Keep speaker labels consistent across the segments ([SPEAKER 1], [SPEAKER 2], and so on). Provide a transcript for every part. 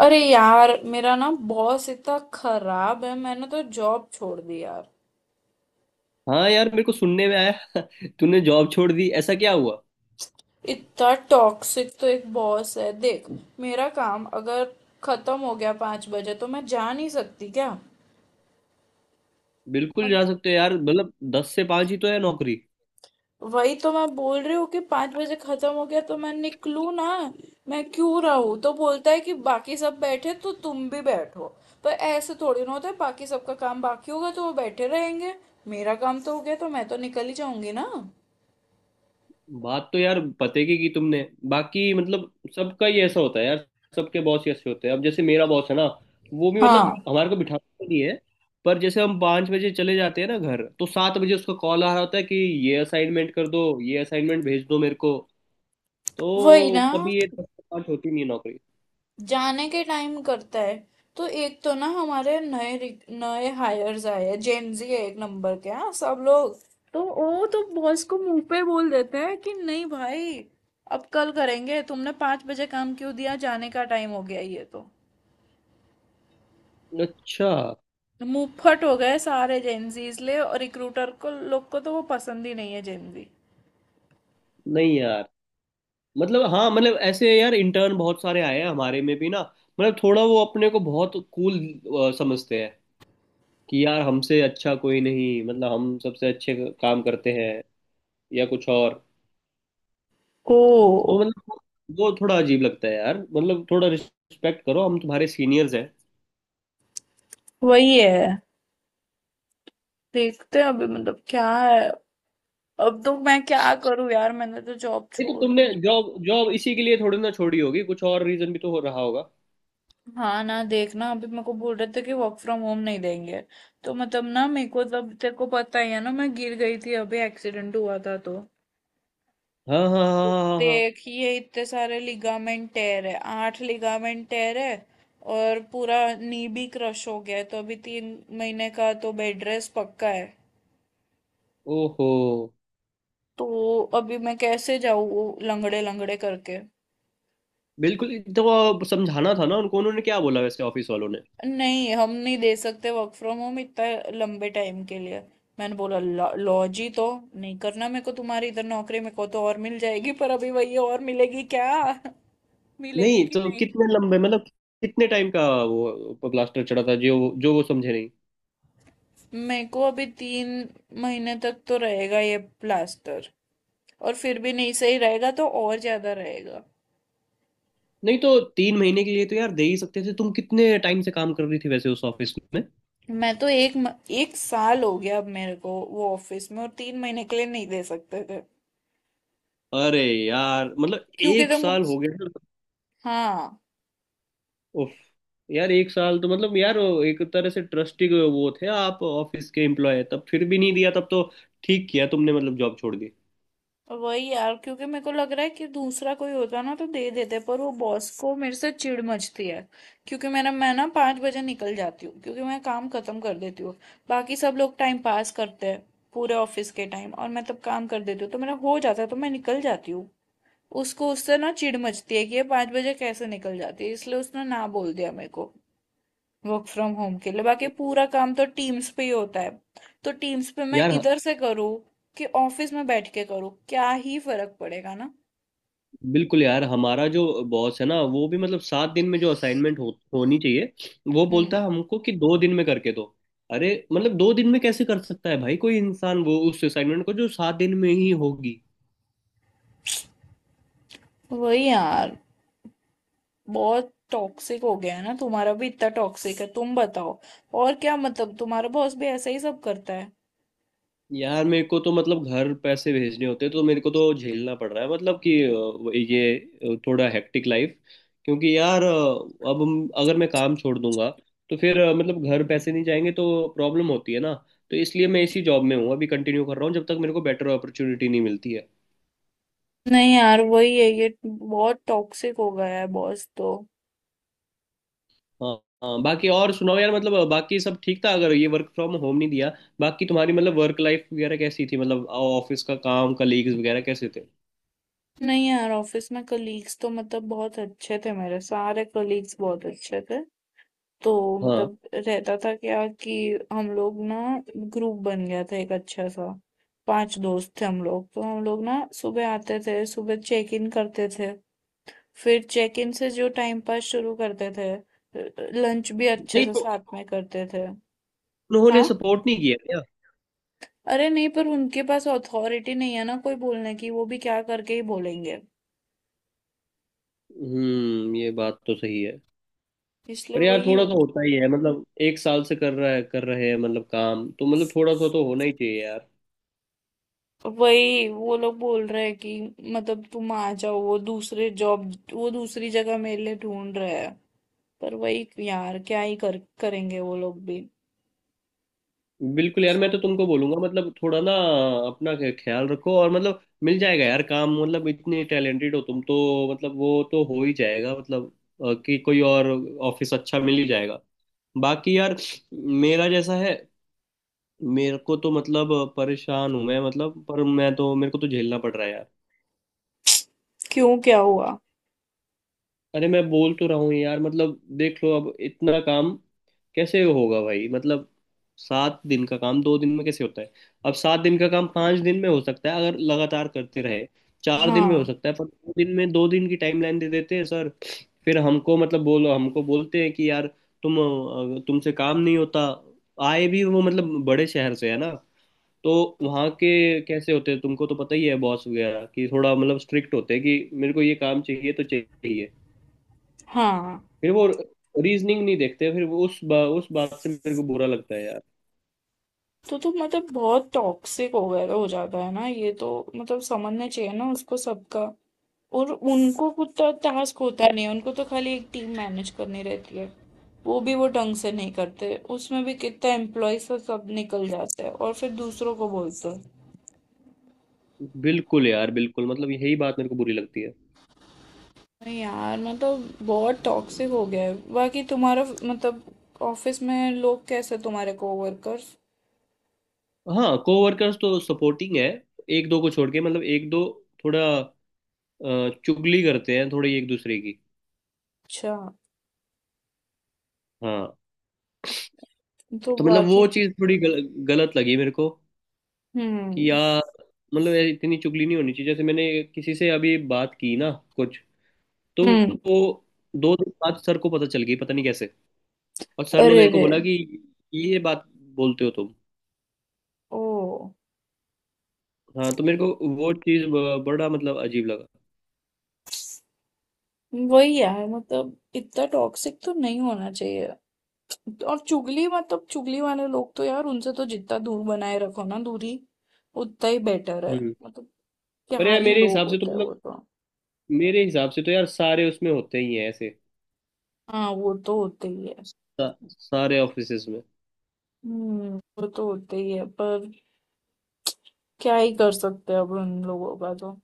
[SPEAKER 1] अरे यार, मेरा ना बॉस इतना खराब है। मैंने तो जॉब छोड़ दी यार।
[SPEAKER 2] हाँ यार, मेरे को सुनने में आया तूने जॉब छोड़ दी, ऐसा क्या हुआ?
[SPEAKER 1] इतना टॉक्सिक तो एक बॉस है, देख। मेरा काम अगर खत्म हो गया 5 बजे तो मैं जा नहीं सकती क्या?
[SPEAKER 2] बिल्कुल
[SPEAKER 1] और
[SPEAKER 2] जा सकते हो यार, मतलब 10 से 5 ही तो है नौकरी।
[SPEAKER 1] वही तो मैं बोल रही हूँ कि 5 बजे खत्म हो गया तो मैं निकलूँ ना। मैं क्यों रहूँ? तो बोलता है कि बाकी सब बैठे तो तुम भी बैठो। पर ऐसे थोड़ी ना होता है। बाकी सबका काम बाकी होगा तो वो बैठे रहेंगे। मेरा काम तो हो गया तो मैं तो निकल ही जाऊंगी ना।
[SPEAKER 2] बात तो यार पते की तुमने। बाकी मतलब सबका ही ऐसा होता है यार, सबके बॉस ही ऐसे होते हैं। अब जैसे मेरा बॉस है ना, वो भी मतलब
[SPEAKER 1] हाँ।
[SPEAKER 2] हमारे को बिठाता तो नहीं है, पर जैसे हम 5 बजे चले जाते हैं ना घर, तो 7 बजे उसका कॉल आ रहा होता है कि ये असाइनमेंट कर दो, ये असाइनमेंट भेज दो मेरे को।
[SPEAKER 1] वही
[SPEAKER 2] तो
[SPEAKER 1] ना,
[SPEAKER 2] कभी ये 10 से 5 होती नहीं है नौकरी।
[SPEAKER 1] जाने के टाइम करता है। तो एक तो ना हमारे नए नए हायर्स आए हैं, जेनजी है एक नंबर के, हाँ, सब लोग। तो वो तो बॉस को मुंह पे बोल देते हैं कि नहीं भाई, अब कल करेंगे। तुमने 5 बजे काम क्यों दिया? जाने का टाइम हो गया ये तो।
[SPEAKER 2] अच्छा।
[SPEAKER 1] मुंह फट हो गए सारे जेनजी इसलिए, और रिक्रूटर को लोग को तो वो पसंद ही नहीं है जेनजी।
[SPEAKER 2] नहीं यार मतलब, हाँ मतलब ऐसे यार, इंटर्न बहुत सारे आए हैं हमारे में भी ना। मतलब थोड़ा वो अपने को बहुत कूल समझते हैं कि यार हमसे अच्छा कोई नहीं, मतलब हम सबसे अच्छे काम करते हैं या कुछ और।
[SPEAKER 1] ओ,
[SPEAKER 2] तो मतलब वो थोड़ा अजीब लगता है यार, मतलब थोड़ा रिस्पेक्ट करो, हम तुम्हारे सीनियर्स हैं।
[SPEAKER 1] वही है। देखते हैं अभी, मतलब क्या है। अब तो मैं क्या करूं यार, मैंने तो जॉब
[SPEAKER 2] नहीं, तो
[SPEAKER 1] छोड़
[SPEAKER 2] तुमने
[SPEAKER 1] दी।
[SPEAKER 2] जॉब जॉब इसी के लिए थोड़ी ना छोड़ी होगी, कुछ और रीजन भी तो हो रहा होगा।
[SPEAKER 1] हाँ ना, देखना, अभी मेरे को बोल रहे थे कि वर्क फ्रॉम होम नहीं देंगे। तो मतलब ना मेरे को, तब तेरे को पता ही है ना, मैं गिर गई थी अभी, एक्सीडेंट हुआ था तो
[SPEAKER 2] हाँ हाँ हाँ हाँ हाँ हाँ।
[SPEAKER 1] देख, ये इतने सारे लिगामेंट टेयर है, आठ लिगामेंट टेयर है। और पूरा नी भी क्रश हो गया है, तो अभी 3 महीने का तो बेड रेस्ट पक्का है।
[SPEAKER 2] ओहो।
[SPEAKER 1] तो अभी मैं कैसे जाऊँ लंगड़े लंगड़े करके?
[SPEAKER 2] बिल्कुल। तो समझाना था ना उनको, उन्होंने क्या बोला वैसे ऑफिस वालों ने?
[SPEAKER 1] नहीं, हम नहीं दे सकते वर्क फ्रॉम होम इतना लंबे टाइम के लिए। मैंने बोला, लॉ जी, तो नहीं करना मेरे को तुम्हारी इधर नौकरी। मेरे को तो और मिल जाएगी, पर अभी वही, और मिलेगी क्या? मिलेगी
[SPEAKER 2] नहीं
[SPEAKER 1] कि
[SPEAKER 2] तो
[SPEAKER 1] नहीं।
[SPEAKER 2] कितने लंबे मतलब कितने टाइम का वो ब्लास्टर चढ़ा था, जो जो वो समझे नहीं?
[SPEAKER 1] मेरे को अभी 3 महीने तक तो रहेगा ये प्लास्टर। और फिर भी नहीं सही रहेगा तो और ज्यादा रहेगा।
[SPEAKER 2] नहीं तो 3 महीने के लिए तो यार दे ही सकते थे, तुम कितने टाइम से काम कर रही थी वैसे उस ऑफिस में?
[SPEAKER 1] मैं तो एक साल हो गया अब मेरे को वो ऑफिस में, और 3 महीने के लिए नहीं दे सकते थे?
[SPEAKER 2] अरे यार मतलब
[SPEAKER 1] क्योंकि
[SPEAKER 2] एक
[SPEAKER 1] तुमको।
[SPEAKER 2] साल हो गया ना।
[SPEAKER 1] हाँ।
[SPEAKER 2] उफ। यार एक साल तो मतलब यार वो एक तरह से ट्रस्टी वो थे आप ऑफिस के एम्प्लॉय, तब फिर भी नहीं दिया तब तो। ठीक किया तुमने, मतलब जॉब छोड़ दी
[SPEAKER 1] वही यार, क्योंकि मेरे को लग रहा है कि दूसरा कोई होता ना तो दे देते, पर वो बॉस को मेरे से चिढ़ मचती है। क्योंकि मेरा, मैं ना 5 बजे निकल जाती हूँ क्योंकि मैं काम खत्म कर देती हूँ। बाकी सब लोग टाइम पास करते हैं पूरे ऑफिस के टाइम, और मैं तब काम कर देती हूँ तो मेरा हो जाता है तो मैं निकल जाती हूँ। उसको उससे ना चिढ़ मचती है कि ये 5 बजे कैसे निकल जाती है। इसलिए उसने ना बोल दिया मेरे को वर्क फ्रॉम होम के लिए। बाकी पूरा काम तो टीम्स पे ही होता है। तो टीम्स पे मैं
[SPEAKER 2] यार।
[SPEAKER 1] इधर से करूँ कि ऑफिस में बैठ के करूँ, क्या ही फर्क पड़ेगा ना।
[SPEAKER 2] बिल्कुल यार, हमारा जो बॉस है ना वो भी मतलब 7 दिन में जो असाइनमेंट होनी चाहिए, वो बोलता
[SPEAKER 1] हम्म।
[SPEAKER 2] है हमको कि 2 दिन में करके दो। अरे, मतलब 2 दिन में कैसे कर सकता है भाई कोई इंसान, वो उस असाइनमेंट को जो 7 दिन में ही होगी।
[SPEAKER 1] वही यार, बहुत टॉक्सिक हो गया है ना। तुम्हारा भी इतना टॉक्सिक है? तुम बताओ और क्या, मतलब तुम्हारा बॉस भी ऐसा ही सब करता है?
[SPEAKER 2] यार मेरे को तो मतलब घर पैसे भेजने होते हैं तो मेरे को तो झेलना पड़ रहा है, मतलब कि थोड़ा हेक्टिक लाइफ। क्योंकि यार अब अगर मैं काम छोड़ दूंगा तो फिर मतलब घर पैसे नहीं जाएंगे तो प्रॉब्लम होती है ना। तो इसलिए मैं इसी जॉब में हूँ, अभी कंटिन्यू कर रहा हूँ जब तक मेरे को बेटर अपॉर्चुनिटी नहीं मिलती है।
[SPEAKER 1] नहीं यार, वही है, ये बहुत टॉक्सिक हो गया है बॉस तो।
[SPEAKER 2] हाँ। हाँ, बाकी और सुनाओ यार, मतलब बाकी सब ठीक था अगर ये वर्क फ्रॉम होम नहीं दिया। बाकी तुम्हारी मतलब वर्क लाइफ वगैरह कैसी थी, मतलब ऑफिस का काम, कलीग्स वगैरह कैसे थे?
[SPEAKER 1] नहीं यार, ऑफिस में कलीग्स तो मतलब बहुत अच्छे थे। मेरे सारे कलीग्स बहुत अच्छे थे। तो
[SPEAKER 2] हाँ।
[SPEAKER 1] मतलब रहता था क्या कि हम लोग ना, ग्रुप बन गया था एक अच्छा सा। पांच दोस्त थे हम लोग, तो हम लोग ना सुबह आते थे, सुबह चेक इन करते थे। फिर चेक इन से जो टाइम पास शुरू करते थे, लंच भी अच्छे
[SPEAKER 2] नहीं,
[SPEAKER 1] से
[SPEAKER 2] तो
[SPEAKER 1] साथ में करते थे।
[SPEAKER 2] उन्होंने
[SPEAKER 1] हाँ।
[SPEAKER 2] सपोर्ट नहीं किया?
[SPEAKER 1] अरे नहीं, पर उनके पास अथॉरिटी नहीं है ना कोई बोलने की, वो भी क्या करके ही बोलेंगे।
[SPEAKER 2] हम्म, ये बात तो सही है।
[SPEAKER 1] इसलिए
[SPEAKER 2] पर यार
[SPEAKER 1] वही।
[SPEAKER 2] थोड़ा सा होता ही है, मतलब एक साल से कर रहा है कर रहे हैं, मतलब काम तो मतलब थोड़ा सा तो होना ही चाहिए यार।
[SPEAKER 1] वही वो लोग बोल रहे हैं कि मतलब तुम आ जाओ, वो दूसरे जॉब, वो दूसरी जगह मेरे लिए ढूंढ रहे हैं। पर वही यार, क्या ही कर करेंगे वो लोग भी।
[SPEAKER 2] बिल्कुल यार, मैं तो तुमको बोलूंगा मतलब थोड़ा ना अपना ख्याल रखो, और मतलब मिल जाएगा यार काम, मतलब इतने टैलेंटेड हो तुम तो मतलब वो तो हो ही जाएगा, मतलब कि कोई और ऑफिस अच्छा मिल ही जाएगा। बाकी यार मेरा जैसा है, मेरे को तो मतलब परेशान हूं मैं, मतलब पर मैं तो मेरे को तो झेलना पड़ रहा है यार।
[SPEAKER 1] क्यों, क्या हुआ?
[SPEAKER 2] अरे, मैं बोल तो रहा हूँ यार, मतलब देख लो अब इतना काम कैसे होगा भाई, मतलब 7 दिन का काम 2 दिन में कैसे होता है? अब 7 दिन का काम 5 दिन में हो सकता है अगर लगातार करते रहे, 4 दिन में हो
[SPEAKER 1] हाँ,
[SPEAKER 2] सकता है, पर 2 दिन में, 2 दिन की टाइमलाइन दे देते हैं सर। फिर हमको मतलब बोलो हमको बोलते हैं कि यार तुम तुमसे काम नहीं होता। आए भी वो मतलब बड़े शहर से है ना, तो वहाँ के कैसे होते हैं तुमको तो पता ही है, बॉस वगैरह कि थोड़ा मतलब स्ट्रिक्ट होते हैं कि मेरे को ये काम चाहिए तो चाहिए।
[SPEAKER 1] हाँ।
[SPEAKER 2] फिर वो रीजनिंग नहीं देखते, फिर वो उस बात से मेरे को बुरा लगता है यार।
[SPEAKER 1] तो मतलब बहुत टॉक्सिक हो गया, हो जाता है ना ये तो। मतलब समझना चाहिए ना उसको सबका। और उनको खुद तो टास्क होता नहीं है, उनको तो खाली एक टीम मैनेज करनी रहती है। वो भी वो ढंग से नहीं करते, उसमें भी कितना एम्प्लॉयज सब निकल जाते हैं और फिर दूसरों को बोलते हैं।
[SPEAKER 2] बिल्कुल यार बिल्कुल, मतलब यही बात मेरे को बुरी लगती है।
[SPEAKER 1] नहीं यार, मतलब बहुत टॉक्सिक हो गया है। बाकी तुम्हारा मतलब ऑफिस में लोग कैसे, तुम्हारे कोवर्कर्स?
[SPEAKER 2] हाँ, कोवर्कर्स तो सपोर्टिंग है, एक दो को छोड़ के, मतलब एक दो थोड़ा चुगली करते हैं थोड़ी एक दूसरे की।
[SPEAKER 1] अच्छा।
[SPEAKER 2] हाँ,
[SPEAKER 1] तो
[SPEAKER 2] तो मतलब वो
[SPEAKER 1] बाकी।
[SPEAKER 2] चीज़ थोड़ी गलत लगी मेरे को
[SPEAKER 1] हम्म।
[SPEAKER 2] कि यार, मतलब यार इतनी चुगली नहीं होनी चाहिए। जैसे मैंने किसी से अभी बात की ना कुछ, तो
[SPEAKER 1] हम्म।
[SPEAKER 2] वो 2 दिन बाद सर को पता चल गई, पता नहीं कैसे, और सर ने
[SPEAKER 1] अरे
[SPEAKER 2] मेरे को
[SPEAKER 1] रे।
[SPEAKER 2] बोला कि ये बात बोलते हो तुम।
[SPEAKER 1] ओ।
[SPEAKER 2] हाँ, तो मेरे को वो चीज बड़ा मतलब अजीब लगा।
[SPEAKER 1] वही है, मतलब इतना टॉक्सिक तो नहीं होना चाहिए। और चुगली, मतलब चुगली वाले लोग तो यार, उनसे तो जितना दूर बनाए रखो ना दूरी, उतना ही बेटर है।
[SPEAKER 2] हम्म।
[SPEAKER 1] मतलब
[SPEAKER 2] पर
[SPEAKER 1] क्या
[SPEAKER 2] यार
[SPEAKER 1] ही लोग होता है वो तो।
[SPEAKER 2] मेरे हिसाब से तो यार सारे उसमें होते ही हैं ऐसे,
[SPEAKER 1] हाँ, वो तो होते ही है।
[SPEAKER 2] सारे ऑफिसेज में।
[SPEAKER 1] हम्म। वो तो होते ही है, पर क्या ही कर सकते हैं अब उन लोगों का तो।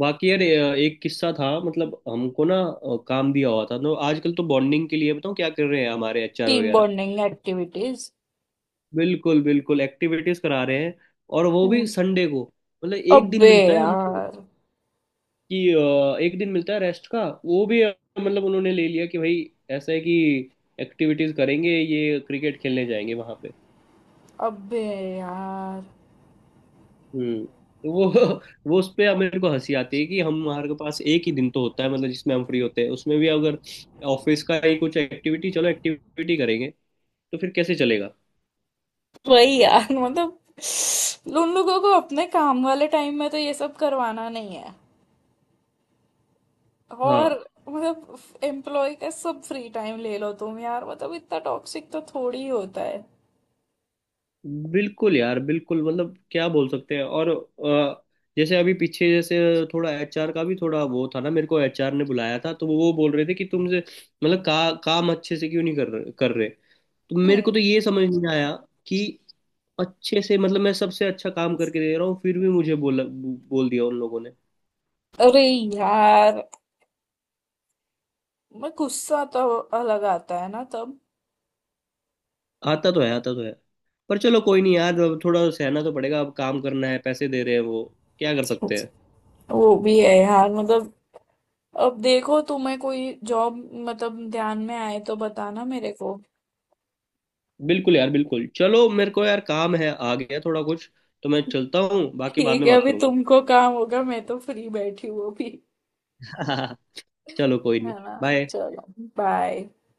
[SPEAKER 2] बाकी यार एक किस्सा था, मतलब हमको ना काम दिया हुआ था। तो आजकल तो बॉन्डिंग के लिए बताऊँ क्या कर रहे हैं हमारे एचआर
[SPEAKER 1] टीम
[SPEAKER 2] वगैरह?
[SPEAKER 1] Bonding activities.
[SPEAKER 2] बिल्कुल बिल्कुल एक्टिविटीज करा रहे हैं, और वो भी
[SPEAKER 1] हम्म।
[SPEAKER 2] संडे को। मतलब एक दिन
[SPEAKER 1] अबे
[SPEAKER 2] मिलता है हमको
[SPEAKER 1] यार।
[SPEAKER 2] कि एक दिन मिलता है रेस्ट का, वो भी मतलब उन्होंने ले लिया कि भाई ऐसा है कि एक्टिविटीज करेंगे, ये क्रिकेट खेलने जाएंगे वहां पे।
[SPEAKER 1] अबे यार।
[SPEAKER 2] हम्म। तो वो
[SPEAKER 1] बहुत-
[SPEAKER 2] वो उस पे अब मेरे को हंसी आती है कि हम हमारे पास एक ही दिन तो होता है, मतलब जिसमें हम फ्री होते हैं, उसमें भी अगर ऑफिस का ही कुछ एक्टिविटी, चलो एक्टिविटी करेंगे, तो फिर कैसे चलेगा?
[SPEAKER 1] वही यार, मतलब उन लोगों को अपने काम वाले टाइम में तो ये सब करवाना नहीं है। और
[SPEAKER 2] हाँ
[SPEAKER 1] मतलब एम्प्लॉय का सब फ्री टाइम ले लो तुम, यार मतलब इतना टॉक्सिक तो थोड़ी ही होता है।
[SPEAKER 2] बिल्कुल यार बिल्कुल, मतलब क्या बोल सकते हैं? और जैसे अभी पीछे जैसे, थोड़ा एचआर का भी थोड़ा वो था ना, मेरे को एचआर ने बुलाया था, तो वो बोल रहे थे कि तुमसे मतलब काम अच्छे से क्यों नहीं कर रहे। तो मेरे को तो
[SPEAKER 1] हम्म।
[SPEAKER 2] ये समझ नहीं आया कि अच्छे से, मतलब मैं सबसे अच्छा काम करके दे रहा हूँ फिर भी मुझे बोल दिया उन लोगों ने।
[SPEAKER 1] अरे यार, मैं गुस्सा तो अलग आता है ना तब।
[SPEAKER 2] आता तो है, आता तो है, पर चलो कोई नहीं यार, अब थोड़ा सहना तो पड़ेगा, अब काम करना है, पैसे दे रहे हैं वो, क्या कर सकते हैं।
[SPEAKER 1] वो भी है यार। मतलब अब देखो, तुम्हें कोई जॉब मतलब ध्यान में आए तो बताना मेरे को।
[SPEAKER 2] बिल्कुल यार बिल्कुल, चलो मेरे को यार काम है आ गया थोड़ा कुछ, तो मैं चलता हूँ, बाकी बाद
[SPEAKER 1] ठीक
[SPEAKER 2] में
[SPEAKER 1] है,
[SPEAKER 2] बात
[SPEAKER 1] अभी
[SPEAKER 2] करूंगा।
[SPEAKER 1] तुमको काम होगा, मैं तो फ्री बैठी हूँ अभी,
[SPEAKER 2] चलो, कोई
[SPEAKER 1] है
[SPEAKER 2] नहीं।
[SPEAKER 1] ना।
[SPEAKER 2] बाय।
[SPEAKER 1] चलो, बाय।